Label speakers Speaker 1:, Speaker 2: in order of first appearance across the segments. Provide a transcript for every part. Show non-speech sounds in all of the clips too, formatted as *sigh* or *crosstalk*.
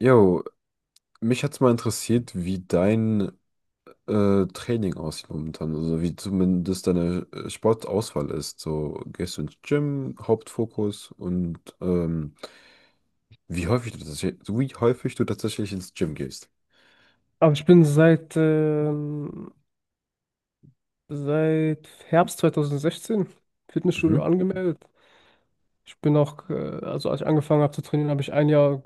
Speaker 1: Jo, mich hat's mal interessiert, wie dein Training aussieht momentan, also wie zumindest deine Sportauswahl ist. So, gehst du ins Gym, Hauptfokus, und wie häufig du tatsächlich, so wie häufig du tatsächlich ins Gym gehst.
Speaker 2: Aber ich bin seit Herbst 2016
Speaker 1: Mhm,
Speaker 2: Fitnessstudio angemeldet. Ich bin auch, also als ich angefangen habe zu trainieren, habe ich ein Jahr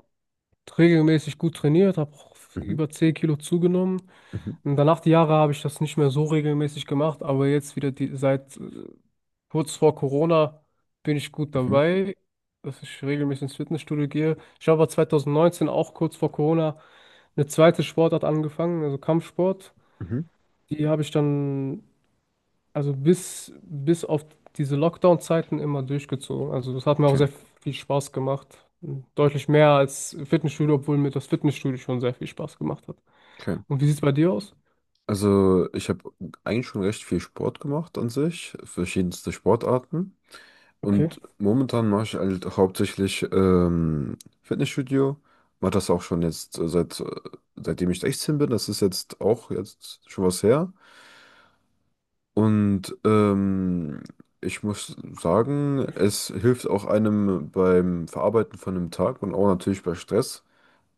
Speaker 2: regelmäßig gut trainiert, habe auch
Speaker 1: mhm,
Speaker 2: über 10 Kilo zugenommen.
Speaker 1: mhm,
Speaker 2: Und danach die Jahre habe ich das nicht mehr so regelmäßig gemacht, aber jetzt wieder seit kurz vor Corona bin ich gut
Speaker 1: mhm,
Speaker 2: dabei, dass ich regelmäßig ins Fitnessstudio gehe. Ich habe aber 2019 auch kurz vor Corona eine zweite Sportart angefangen, also Kampfsport.
Speaker 1: mhm.
Speaker 2: Die habe ich dann also bis auf diese Lockdown-Zeiten immer durchgezogen. Also das hat mir auch
Speaker 1: Okay,
Speaker 2: sehr viel Spaß gemacht. Deutlich mehr als Fitnessstudio, obwohl mir das Fitnessstudio schon sehr viel Spaß gemacht hat.
Speaker 1: okay.
Speaker 2: Und wie sieht es bei dir aus?
Speaker 1: Also ich habe eigentlich schon recht viel Sport gemacht an sich, verschiedenste Sportarten.
Speaker 2: Okay.
Speaker 1: Und momentan mache ich halt hauptsächlich Fitnessstudio. Mache das auch schon jetzt seitdem ich 16 bin. Das ist jetzt auch jetzt schon was her. Und ich muss sagen, es hilft auch einem beim Verarbeiten von einem Tag und auch natürlich bei Stress.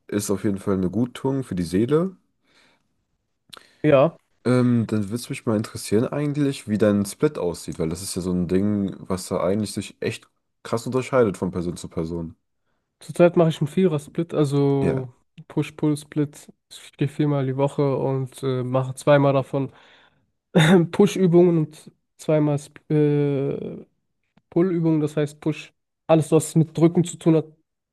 Speaker 1: Ist auf jeden Fall eine Guttung für die Seele.
Speaker 2: Ja,
Speaker 1: Dann würde es mich mal interessieren eigentlich, wie dein Split aussieht, weil das ist ja so ein Ding, was da eigentlich sich echt krass unterscheidet von Person zu Person.
Speaker 2: zurzeit mache ich einen Vierer-Split,
Speaker 1: Ja.
Speaker 2: also Push-Pull-Split. Ich gehe viermal die Woche und mache zweimal davon *laughs* *clears throat* Push-Übungen und zweimal äh, Pull Übungen, das heißt Push. Alles, was mit Drücken zu tun hat.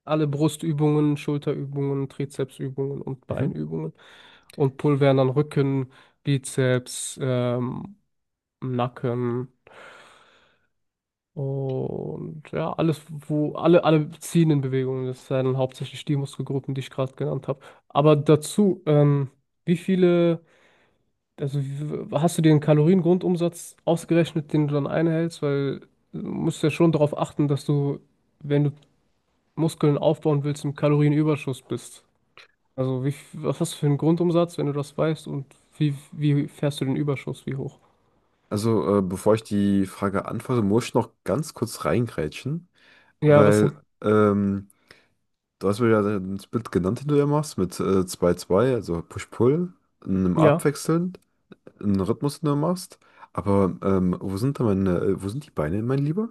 Speaker 2: Alle Brustübungen, Schulterübungen, Trizepsübungen und Beinübungen. Und Pull wären dann Rücken, Bizeps, Nacken und ja, alles, wo alle ziehenden Bewegungen, das sind hauptsächlich die Muskelgruppen, die ich gerade genannt habe. Aber dazu, wie viele, also wie- hast du dir einen Kaloriengrundumsatz ausgerechnet, den du dann einhältst? Weil du musst ja schon darauf achten, dass du, wenn du Muskeln aufbauen willst, im Kalorienüberschuss bist. Also was hast du für einen Grundumsatz, wenn du das weißt, und wie fährst du den Überschuss, wie hoch?
Speaker 1: Also, bevor ich die Frage antworte, muss ich noch ganz kurz reingrätschen,
Speaker 2: Ja, was denn?
Speaker 1: weil ähm, du hast mir ja den Split genannt, den du ja machst, mit 2, also Push-Pull, einem
Speaker 2: Ja,
Speaker 1: Abwechseln, einen Rhythmus, den du machst. Aber wo sind wo sind die Beine, mein Lieber?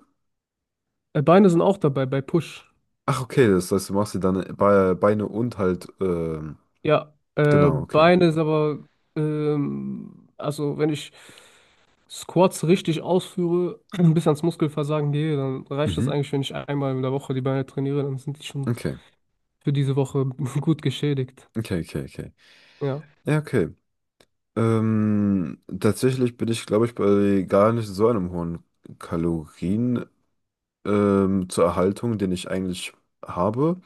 Speaker 2: Beine sind auch dabei bei Push.
Speaker 1: Ach, okay, das heißt, du machst sie dann Be Beine und halt,
Speaker 2: Ja,
Speaker 1: genau, okay.
Speaker 2: Beine ist aber, also wenn ich Squats richtig ausführe, *clears throat* bis ans Muskelversagen gehe, dann reicht das
Speaker 1: Mhm.
Speaker 2: eigentlich, wenn ich einmal in der Woche die Beine trainiere, dann sind die schon
Speaker 1: Okay,
Speaker 2: für diese Woche *laughs* gut geschädigt.
Speaker 1: okay, okay, okay.
Speaker 2: Ja,
Speaker 1: Ja, okay. Tatsächlich bin ich, glaube ich, bei gar nicht so einem hohen Kalorien. Zur Erhaltung, den ich eigentlich habe.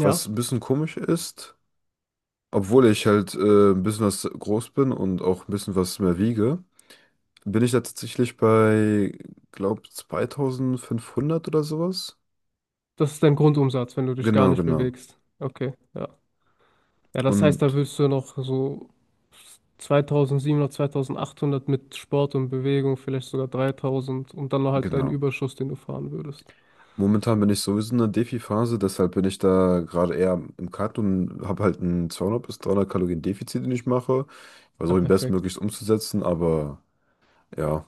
Speaker 2: ja,
Speaker 1: Was ein bisschen komisch ist, obwohl ich halt ein bisschen was groß bin und auch ein bisschen was mehr wiege, bin ich da tatsächlich bei, glaub, 2.500 oder sowas.
Speaker 2: das ist dein Grundumsatz, wenn du dich gar
Speaker 1: Genau,
Speaker 2: nicht
Speaker 1: genau.
Speaker 2: bewegst. Okay, ja. Ja, das heißt, da
Speaker 1: Und
Speaker 2: willst du noch so 2700, 2800 mit Sport und Bewegung, vielleicht sogar 3000 und dann noch halt deinen
Speaker 1: genau.
Speaker 2: Überschuss, den du fahren würdest.
Speaker 1: Momentan bin ich sowieso in der Defi-Phase, deshalb bin ich da gerade eher im Cut und habe halt ein 200 bis 300 Kalorien Defizit, den ich mache.
Speaker 2: Ja,
Speaker 1: Versuche ihn
Speaker 2: perfekt.
Speaker 1: bestmöglichst umzusetzen, aber ja,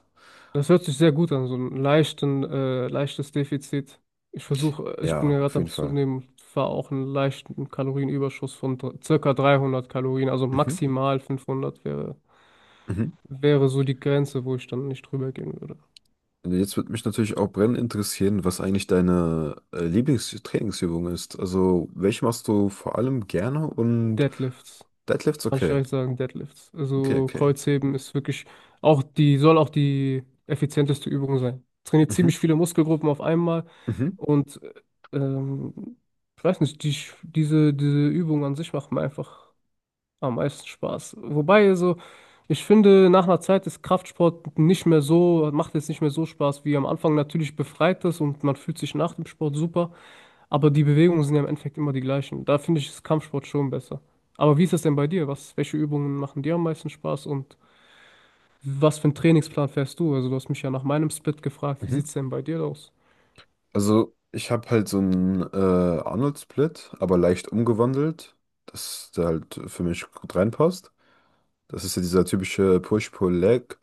Speaker 2: Das hört sich sehr gut an, so leichtes Defizit. Ich versuche, ich bin
Speaker 1: ja,
Speaker 2: ja
Speaker 1: auf
Speaker 2: gerade
Speaker 1: jeden
Speaker 2: am
Speaker 1: Fall.
Speaker 2: Zunehmen, fahre auch einen leichten Kalorienüberschuss von circa 300 Kalorien, also
Speaker 1: Mhm.
Speaker 2: maximal 500 wäre,
Speaker 1: Mhm.
Speaker 2: wäre so die Grenze, wo ich dann nicht drüber gehen würde.
Speaker 1: Jetzt würde mich natürlich auch brennend interessieren, was eigentlich deine Lieblingstrainingsübung ist. Also, welche machst du vor allem gerne, und
Speaker 2: Deadlifts.
Speaker 1: Deadlifts,
Speaker 2: Kann ich
Speaker 1: okay.
Speaker 2: gleich sagen, Deadlifts.
Speaker 1: Okay,
Speaker 2: Also
Speaker 1: okay.
Speaker 2: Kreuzheben ist wirklich auch soll auch die effizienteste Übung sein. Trainiert ziemlich
Speaker 1: Mhm.
Speaker 2: viele Muskelgruppen auf einmal
Speaker 1: Mhm.
Speaker 2: und ähm, ich weiß nicht, diese Übung an sich macht mir einfach am meisten Spaß. Wobei, also, ich finde, nach einer Zeit ist Kraftsport nicht mehr so, macht jetzt nicht mehr so Spaß wie am Anfang. Natürlich befreit es und man fühlt sich nach dem Sport super. Aber die Bewegungen sind ja im Endeffekt immer die gleichen. Da finde ich das Kampfsport schon besser. Aber wie ist das denn bei dir? Welche Übungen machen dir am meisten Spaß, und was für einen Trainingsplan fährst du? Also du hast mich ja nach meinem Split gefragt, wie
Speaker 1: Mhm.
Speaker 2: sieht's denn bei dir aus?
Speaker 1: Also, ich habe halt so einen Arnold-Split, aber leicht umgewandelt, dass der halt für mich gut reinpasst. Das ist ja dieser typische Push-Pull-Leg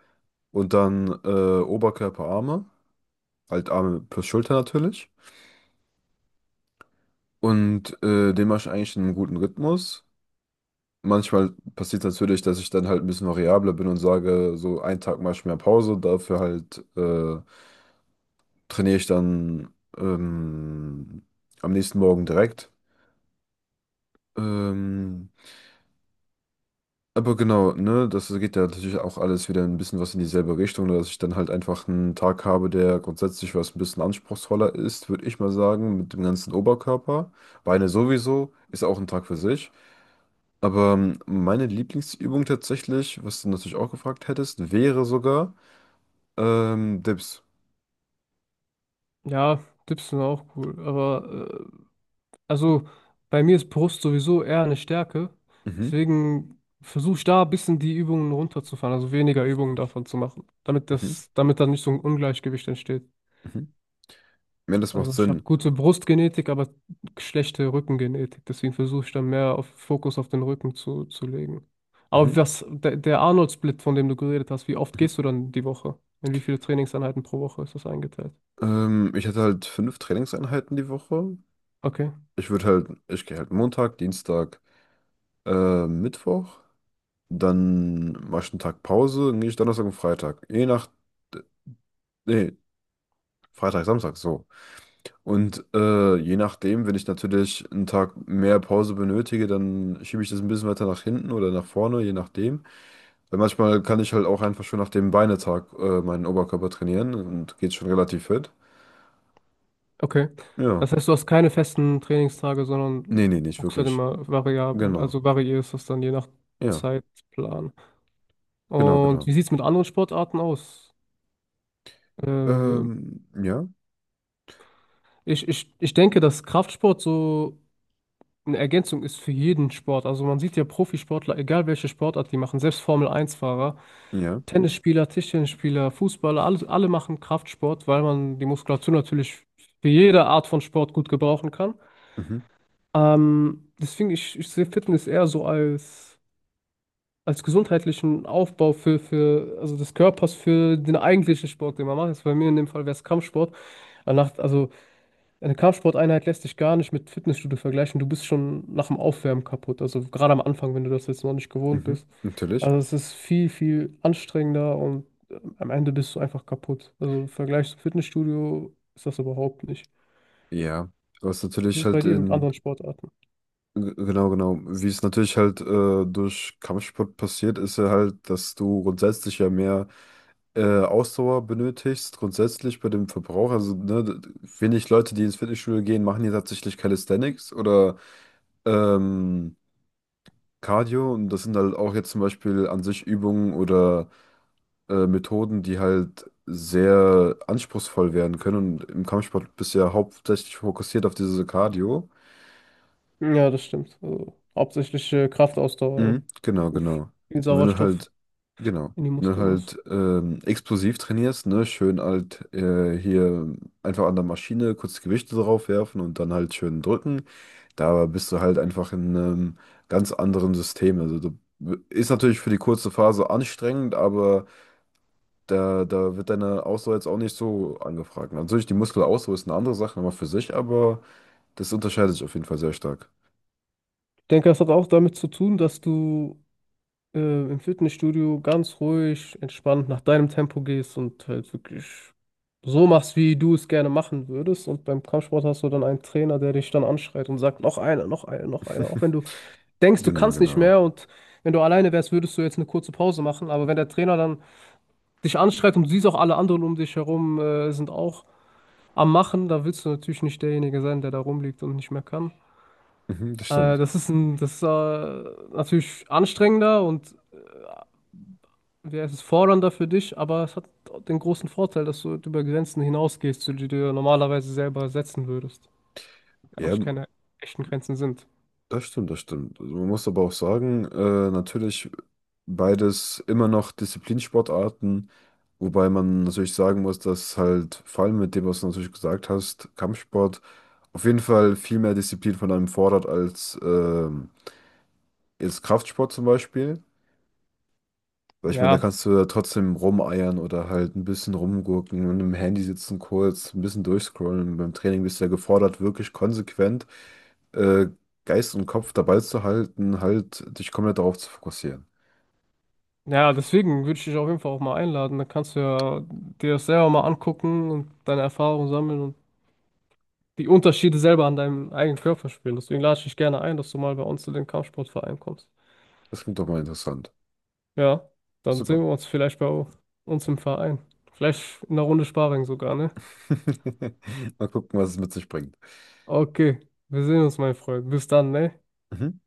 Speaker 1: und dann Oberkörper, Arme, halt Arme plus Schulter natürlich. Und den mache ich eigentlich in einem guten Rhythmus. Manchmal passiert natürlich, dass ich dann halt ein bisschen variabler bin und sage, so einen Tag mache ich mehr Pause, dafür halt trainiere ich dann am nächsten Morgen direkt. Ähm, aber genau, ne, das geht ja natürlich auch alles wieder ein bisschen was in dieselbe Richtung, dass ich dann halt einfach einen Tag habe, der grundsätzlich was ein bisschen anspruchsvoller ist, würde ich mal sagen, mit dem ganzen Oberkörper. Beine sowieso, ist auch ein Tag für sich. Aber meine Lieblingsübung tatsächlich, was du natürlich auch gefragt hättest, wäre sogar Dips.
Speaker 2: Ja, Dips sind auch cool, aber also bei mir ist Brust sowieso eher eine Stärke.
Speaker 1: Mhm,
Speaker 2: Deswegen versuche ich da ein bisschen die Übungen runterzufahren, also weniger Übungen davon zu machen, damit
Speaker 1: mhm,
Speaker 2: das, damit da nicht so ein Ungleichgewicht entsteht.
Speaker 1: mhm. Ja, das macht
Speaker 2: Also ich habe
Speaker 1: Sinn.
Speaker 2: gute Brustgenetik, aber schlechte Rückengenetik. Deswegen versuche ich dann mehr auf Fokus auf den Rücken zu legen. Aber
Speaker 1: Mhm,
Speaker 2: der Arnold-Split, von dem du geredet hast, wie oft
Speaker 1: mhm.
Speaker 2: gehst du dann die Woche? In wie viele Trainingseinheiten pro Woche ist das eingeteilt?
Speaker 1: Ich hätte halt 5 Trainingseinheiten die Woche.
Speaker 2: Okay,
Speaker 1: Ich würde halt, ich gehe halt Montag, Dienstag, Mittwoch. Dann mache ich einen Tag Pause, dann gehe ich Donnerstag und Freitag. Je nach, nee, Freitag, Samstag, so. Und je nachdem, wenn ich natürlich einen Tag mehr Pause benötige, dann schiebe ich das ein bisschen weiter nach hinten oder nach vorne, je nachdem. Weil manchmal kann ich halt auch einfach schon nach dem Beinetag meinen Oberkörper trainieren und geht schon relativ fit.
Speaker 2: okay.
Speaker 1: Ja.
Speaker 2: Das heißt, du hast keine festen Trainingstage,
Speaker 1: Nee,
Speaker 2: sondern
Speaker 1: nee, nicht
Speaker 2: guckst halt
Speaker 1: wirklich.
Speaker 2: immer variabel,
Speaker 1: Genau.
Speaker 2: also variierst das dann je nach
Speaker 1: Ja,
Speaker 2: Zeitplan.
Speaker 1: genau,
Speaker 2: Und
Speaker 1: genau.
Speaker 2: wie sieht es mit anderen Sportarten aus? Äh,
Speaker 1: Ja,
Speaker 2: ich denke, dass Kraftsport so eine Ergänzung ist für jeden Sport. Also man sieht ja Profisportler, egal welche Sportart die machen, selbst Formel-1-Fahrer,
Speaker 1: ja.
Speaker 2: Tennisspieler, Tischtennisspieler, Fußballer, alle, alle machen Kraftsport, weil man die Muskulatur natürlich für jede Art von Sport gut gebrauchen kann.
Speaker 1: Mhm,
Speaker 2: Deswegen, ich sehe Fitness eher so als gesundheitlichen Aufbau für, also des Körpers für den eigentlichen Sport, den man macht. Jetzt bei mir in dem Fall wäre es Kampfsport. Danach, also eine Kampfsporteinheit lässt sich gar nicht mit Fitnessstudio vergleichen. Du bist schon nach dem Aufwärmen kaputt. Also gerade am Anfang, wenn du das jetzt noch nicht gewohnt
Speaker 1: mhm,
Speaker 2: bist.
Speaker 1: natürlich.
Speaker 2: Also es ist viel, viel anstrengender und am Ende bist du einfach kaputt. Also im Vergleich zum Fitnessstudio ist das überhaupt nicht.
Speaker 1: Ja. Was
Speaker 2: Wie
Speaker 1: natürlich
Speaker 2: ist es bei
Speaker 1: halt
Speaker 2: dir mit
Speaker 1: in,
Speaker 2: anderen Sportarten?
Speaker 1: g- Genau, genau, wie es natürlich halt durch Kampfsport passiert, ist ja halt, dass du grundsätzlich ja mehr Ausdauer benötigst, grundsätzlich bei dem Verbrauch. Also, ne, wenig Leute, die ins Fitnessstudio gehen, machen ja tatsächlich Calisthenics oder ähm, Cardio, und das sind halt auch jetzt zum Beispiel an sich Übungen oder Methoden, die halt sehr anspruchsvoll werden können, und im Kampfsport bist du ja hauptsächlich fokussiert auf diese Cardio.
Speaker 2: Ja, das stimmt. Also hauptsächlich Kraftausdauer.
Speaker 1: Mhm. Genau,
Speaker 2: Also
Speaker 1: genau.
Speaker 2: viel
Speaker 1: Und
Speaker 2: Sauerstoff
Speaker 1: genau,
Speaker 2: in die
Speaker 1: wenn du
Speaker 2: Muskeln muss.
Speaker 1: halt explosiv trainierst, ne, schön halt hier einfach an der Maschine kurz Gewichte drauf werfen und dann halt schön drücken. Da bist du halt einfach in einem ganz anderen System. Also du ist natürlich für die kurze Phase anstrengend, aber da wird deine Ausdauer jetzt auch nicht so angefragt. Natürlich, die Muskelausdauer ist eine andere Sache nochmal für sich, aber das unterscheidet sich auf jeden Fall sehr stark.
Speaker 2: Ich denke, das hat auch damit zu tun, dass du äh, im Fitnessstudio ganz ruhig, entspannt nach deinem Tempo gehst und halt wirklich so machst, wie du es gerne machen würdest. Und beim Kampfsport hast du dann einen Trainer, der dich dann anschreit und sagt, noch einer, noch einer, noch einer. Auch wenn
Speaker 1: *laughs*
Speaker 2: du denkst, du
Speaker 1: Genau,
Speaker 2: kannst nicht
Speaker 1: genau.
Speaker 2: mehr, und wenn du alleine wärst, würdest du jetzt eine kurze Pause machen. Aber wenn der Trainer dann dich anschreit und du siehst auch alle anderen um dich herum, sind auch am Machen, da willst du natürlich nicht derjenige sein, der da rumliegt und nicht mehr kann.
Speaker 1: Mhm, das
Speaker 2: Äh,
Speaker 1: stimmt.
Speaker 2: das ist ein, das ist äh, natürlich anstrengender, und ja, es ist fordernder für dich, aber es hat den großen Vorteil, dass du über Grenzen hinausgehst, die du dir normalerweise selber setzen würdest.
Speaker 1: Ja,
Speaker 2: Eigentlich keine echten Grenzen sind.
Speaker 1: das stimmt, das stimmt. Also man muss aber auch sagen, natürlich beides immer noch Disziplinsportarten, wobei man natürlich sagen muss, dass halt vor allem mit dem, was du natürlich gesagt hast, Kampfsport auf jeden Fall viel mehr Disziplin von einem fordert als jetzt Kraftsport zum Beispiel. Weil ich meine, da
Speaker 2: Ja,
Speaker 1: kannst du ja trotzdem rumeiern oder halt ein bisschen rumgurken und im Handy sitzen kurz, ein bisschen durchscrollen. Beim Training bist du ja gefordert, wirklich konsequent äh, Geist und Kopf dabei zu halten, halt dich komplett darauf zu fokussieren.
Speaker 2: ja, deswegen würde ich dich auf jeden Fall auch mal einladen. Dann kannst du ja dir das selber mal angucken und deine Erfahrungen sammeln und die Unterschiede selber an deinem eigenen Körper spüren. Deswegen lade ich dich gerne ein, dass du mal bei uns zu den Kampfsportverein kommst.
Speaker 1: Das klingt doch mal interessant.
Speaker 2: Ja, dann
Speaker 1: Super.
Speaker 2: sehen wir uns vielleicht bei uns im Verein. Vielleicht in einer Runde Sparring sogar, ne?
Speaker 1: *laughs* Mal gucken, was es mit sich bringt.
Speaker 2: Okay, wir sehen uns, mein Freund. Bis dann, ne?
Speaker 1: Mhm.